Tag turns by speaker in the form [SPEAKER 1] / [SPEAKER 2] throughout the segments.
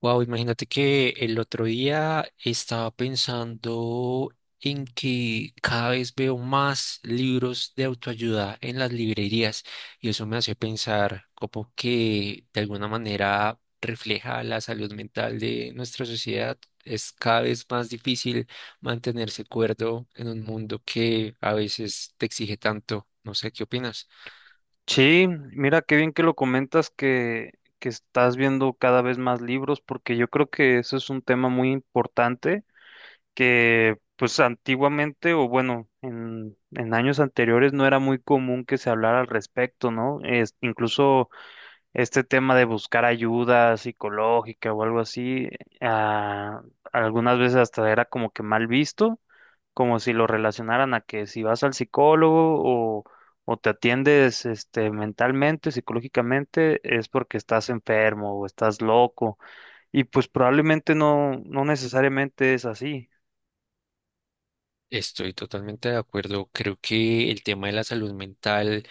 [SPEAKER 1] Wow, imagínate que el otro día estaba pensando en que cada vez veo más libros de autoayuda en las librerías y eso me hace pensar como que de alguna manera refleja la salud mental de nuestra sociedad. Es cada vez más difícil mantenerse cuerdo en un mundo que a veces te exige tanto. No sé, ¿qué opinas?
[SPEAKER 2] Sí, mira qué bien que lo comentas que estás viendo cada vez más libros, porque yo creo que eso es un tema muy importante que pues antiguamente o bueno, en años anteriores no era muy común que se hablara al respecto, ¿no? Es, incluso este tema de buscar ayuda psicológica o algo así, ah, algunas veces hasta era como que mal visto, como si lo relacionaran a que si vas al psicólogo o, o te atiendes este, mentalmente, psicológicamente, es porque estás enfermo o estás loco. Y pues probablemente no necesariamente es así.
[SPEAKER 1] Estoy totalmente de acuerdo. Creo que el tema de la salud mental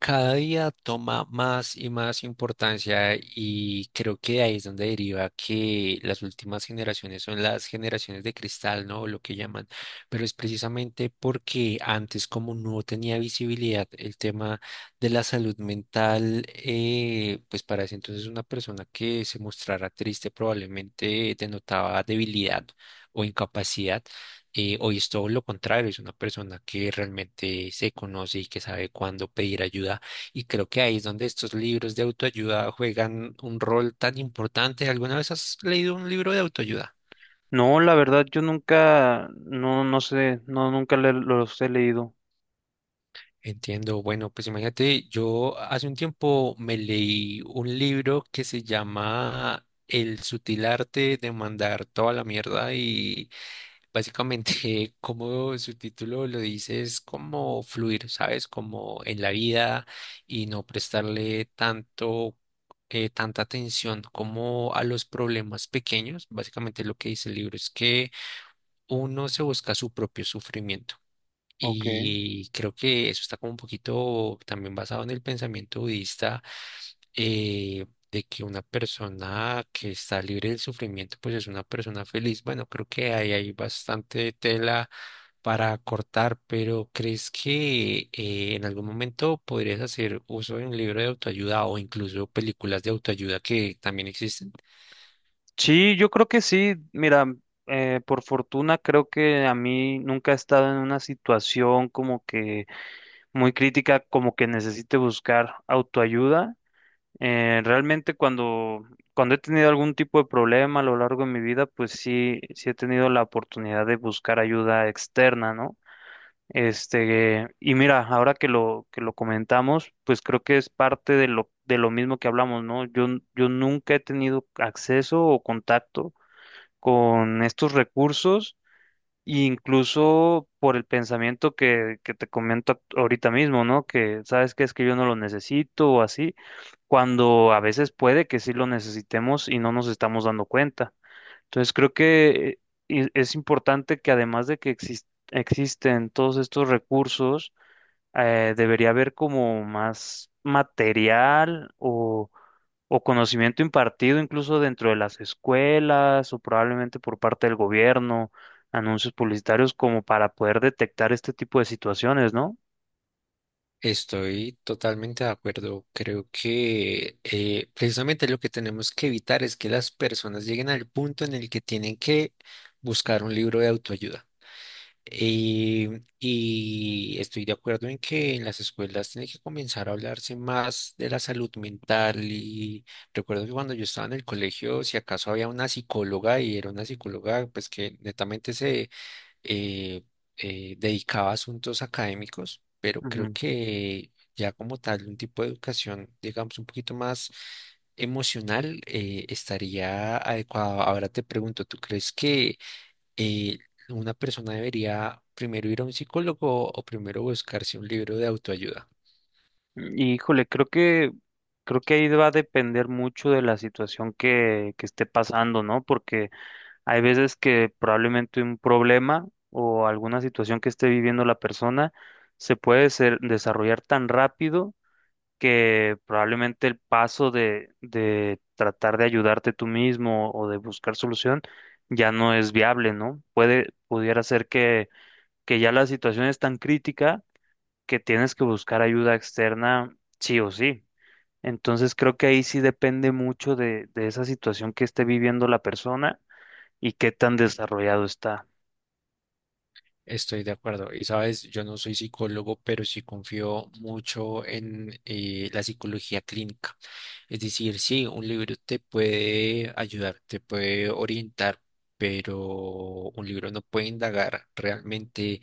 [SPEAKER 1] cada día toma más y más importancia y creo que de ahí es donde deriva que las últimas generaciones son las generaciones de cristal, ¿no? Lo que llaman, pero es precisamente porque antes como no tenía visibilidad el tema de la salud mental, pues para ese entonces una persona que se mostrara triste probablemente denotaba debilidad o incapacidad. Hoy es todo lo contrario, es una persona que realmente se conoce y que sabe cuándo pedir ayuda. Y creo que ahí es donde estos libros de autoayuda juegan un rol tan importante. ¿Alguna vez has leído un libro de autoayuda?
[SPEAKER 2] No, la verdad, yo nunca, no, no sé, no, nunca le- los he leído.
[SPEAKER 1] Entiendo. Bueno, pues imagínate, yo hace un tiempo me leí un libro que se llama El sutil arte de mandar toda la mierda y básicamente, como su título lo dice, es como fluir, ¿sabes? Como en la vida y no prestarle tanta atención como a los problemas pequeños. Básicamente lo que dice el libro es que uno se busca su propio sufrimiento.
[SPEAKER 2] Ok.
[SPEAKER 1] Y creo que eso está como un poquito también basado en el pensamiento budista, de que una persona que está libre del sufrimiento, pues es una persona feliz. Bueno, creo que ahí hay bastante tela para cortar, pero ¿crees que en algún momento podrías hacer uso de un libro de autoayuda o incluso películas de autoayuda que también existen?
[SPEAKER 2] Sí, yo creo que sí. Mira, por fortuna creo que a mí nunca he estado en una situación como que muy crítica, como que necesite buscar autoayuda. Realmente cuando he tenido algún tipo de problema a lo largo de mi vida, pues sí, sí he tenido la oportunidad de buscar ayuda externa, ¿no? Este, y mira, ahora que que lo comentamos, pues creo que es parte de de lo mismo que hablamos, ¿no? Yo nunca he tenido acceso o contacto con estos recursos, e incluso por el pensamiento que te ahorita mismo, ¿no? Que sabes que es que yo no lo necesito o así, cuando a veces puede que sí lo necesitemos y no nos estamos dando cuenta. Entonces creo que es importante que además de que existen todos estos recursos, debería haber como más material o conocimiento impartido incluso dentro de las escuelas o probablemente por parte del gobierno, anuncios publicitarios como para poder detectar este tipo de situaciones, ¿no?
[SPEAKER 1] Estoy totalmente de acuerdo. Creo que precisamente lo que tenemos que evitar es que las personas lleguen al punto en el que tienen que buscar un libro de autoayuda. Y, y estoy de acuerdo en que en las escuelas tiene que comenzar a hablarse más de la salud mental. Y recuerdo que cuando yo estaba en el colegio, si acaso había una psicóloga y era una psicóloga, pues que netamente eh, dedicaba a asuntos académicos, pero creo
[SPEAKER 2] Ujú.
[SPEAKER 1] que ya como tal, un tipo de educación, digamos, un poquito más emocional, estaría adecuado. Ahora te pregunto, ¿tú crees que eh, una persona debería primero ir a un psicólogo o primero buscarse un libro de autoayuda?
[SPEAKER 2] Y, híjole, creo que ahí va a depender mucho de la situación que esté pasando, ¿no? Porque hay veces que probablemente un problema o alguna situación que esté viviendo la persona se puede desarrollar tan rápido que probablemente el paso de tratar de ayudarte tú mismo o de buscar solución ya no es viable, ¿no? Puede, pudiera ser que ya la situación es tan crítica que tienes que buscar ayuda externa sí o sí. Entonces creo que ahí sí depende mucho de esa situación que esté viviendo la persona y qué tan desarrollado está.
[SPEAKER 1] Estoy de acuerdo. Y sabes, yo no soy psicólogo, pero sí confío mucho en la psicología clínica. Es decir, sí, un libro te puede ayudar, te puede orientar, pero un libro no puede indagar realmente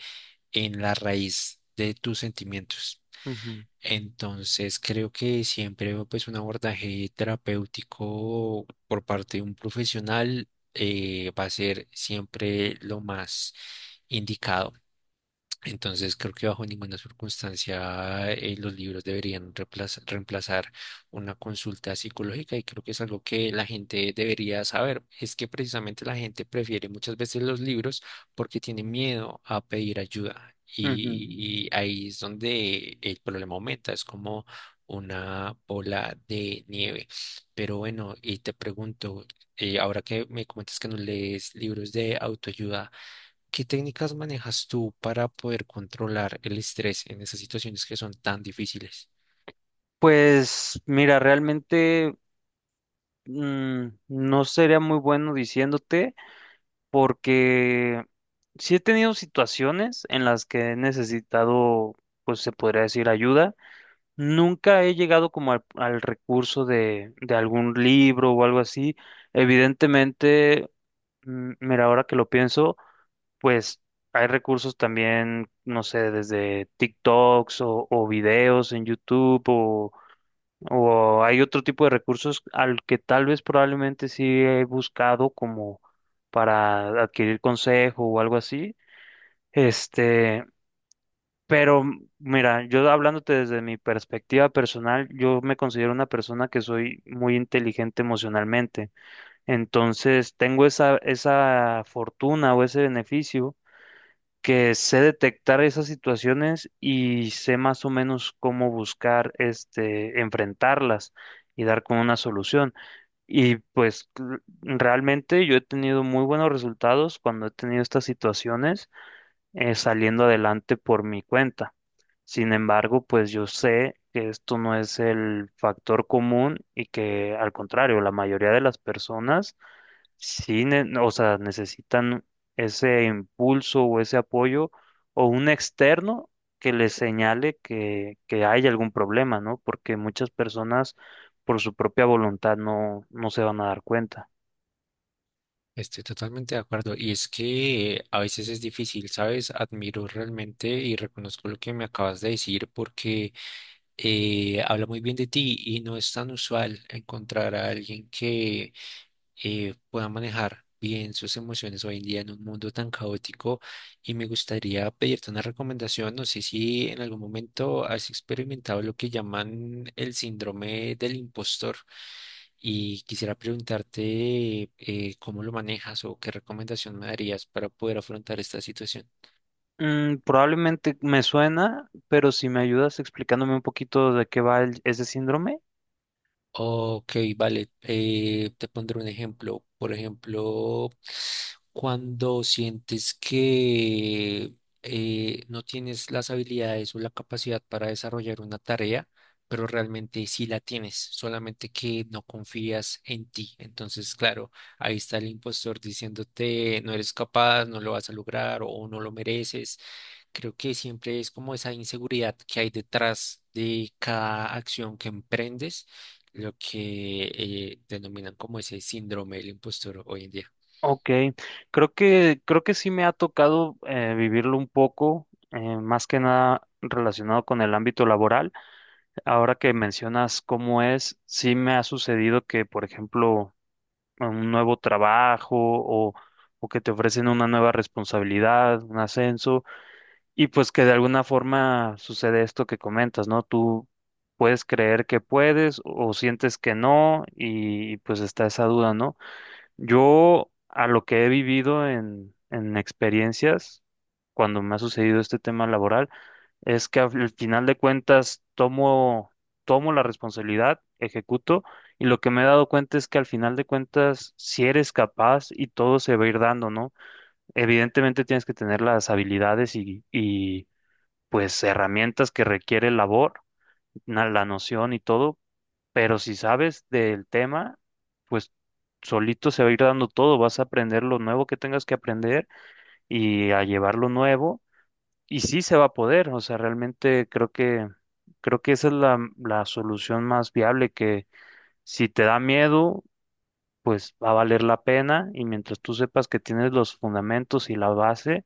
[SPEAKER 1] en la raíz de tus sentimientos.
[SPEAKER 2] Ujú,
[SPEAKER 1] Entonces, creo que siempre pues, un abordaje terapéutico por parte de un profesional va a ser siempre lo más indicado. Entonces creo que bajo ninguna circunstancia los libros deberían reemplazar una consulta psicológica y creo que es algo que la gente debería saber. Es que precisamente la gente prefiere muchas veces los libros porque tiene miedo a pedir ayuda
[SPEAKER 2] ujú.
[SPEAKER 1] y ahí es donde el problema aumenta, es como una bola de nieve. Pero bueno, y te pregunto, ahora que me comentas que no lees libros de autoayuda, ¿qué técnicas manejas tú para poder controlar el estrés en esas situaciones que son tan difíciles?
[SPEAKER 2] Pues mira, realmente no sería muy bueno diciéndote, porque sí he tenido situaciones en las que he necesitado, pues se podría decir, ayuda. Nunca he llegado como al recurso de algún libro o algo así. Evidentemente, mira, ahora que lo pienso, pues hay recursos también, no sé, desde TikToks o videos en YouTube o hay otro tipo de recursos al que tal vez probablemente sí he buscado como para adquirir consejo o algo así. Este, pero mira, yo hablándote desde mi perspectiva personal, yo me considero una persona que soy muy inteligente emocionalmente. Entonces, tengo esa fortuna o ese beneficio que sé detectar esas situaciones y sé más o menos cómo buscar, este, enfrentarlas y dar con una solución. Y pues realmente yo he tenido muy buenos resultados cuando he tenido estas situaciones saliendo adelante por mi cuenta. Sin embargo, pues yo sé que esto no es el factor común y que al contrario, la mayoría de las personas sí, o sea, necesitan ese impulso o ese apoyo o un externo que les señale que hay algún problema, ¿no? Porque muchas personas por su propia voluntad no se van a dar cuenta.
[SPEAKER 1] Estoy totalmente de acuerdo. Y es que a veces es difícil, ¿sabes? Admiro realmente y reconozco lo que me acabas de decir porque habla muy bien de ti y no es tan usual encontrar a alguien que pueda manejar bien sus emociones hoy en día en un mundo tan caótico. Y me gustaría pedirte una recomendación. No sé si en algún momento has experimentado lo que llaman el síndrome del impostor. Y quisiera preguntarte cómo lo manejas o qué recomendación me darías para poder afrontar esta situación.
[SPEAKER 2] Mm, probablemente me suena, pero si me ayudas explicándome un poquito de qué va ese síndrome.
[SPEAKER 1] Ok, vale. Te pondré un ejemplo. Por ejemplo, cuando sientes que no tienes las habilidades o la capacidad para desarrollar una tarea, pero realmente sí la tienes, solamente que no confías en ti. Entonces, claro, ahí está el impostor diciéndote no eres capaz, no lo vas a lograr o no lo mereces. Creo que siempre es como esa inseguridad que hay detrás de cada acción que emprendes lo que denominan como ese síndrome del impostor hoy en día.
[SPEAKER 2] Ok, creo creo que sí me ha tocado vivirlo un poco, más que nada relacionado con el ámbito laboral. Ahora que mencionas cómo es, sí me ha sucedido que, por ejemplo, en un nuevo trabajo o que te ofrecen una nueva responsabilidad, un ascenso, y pues que de alguna forma sucede esto que comentas, ¿no? Tú puedes creer que puedes o sientes que no y pues está esa duda, ¿no? Yo, a lo que he vivido en experiencias, cuando me ha sucedido este tema laboral, es que al final de cuentas tomo la responsabilidad, ejecuto, y lo que me he dado cuenta es que al final de cuentas, si eres capaz y todo se va a ir dando, ¿no? Evidentemente tienes que tener las habilidades y pues herramientas que requiere el labor, la noción y todo, pero si sabes del tema, pues solito se va a ir dando todo, vas a aprender lo nuevo que tengas que aprender y a llevar lo nuevo y sí se va a poder, o sea, realmente creo que esa es la solución más viable que si te da miedo, pues va a valer la pena y mientras tú sepas que tienes los fundamentos y la base,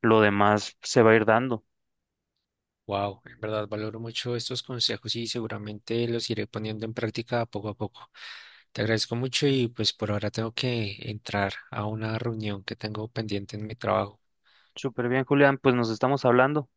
[SPEAKER 2] lo demás se va a ir dando.
[SPEAKER 1] Wow, en verdad valoro mucho estos consejos y seguramente los iré poniendo en práctica poco a poco. Te agradezco mucho y pues por ahora tengo que entrar a una reunión que tengo pendiente en mi trabajo.
[SPEAKER 2] Súper bien, Julián, pues nos estamos hablando.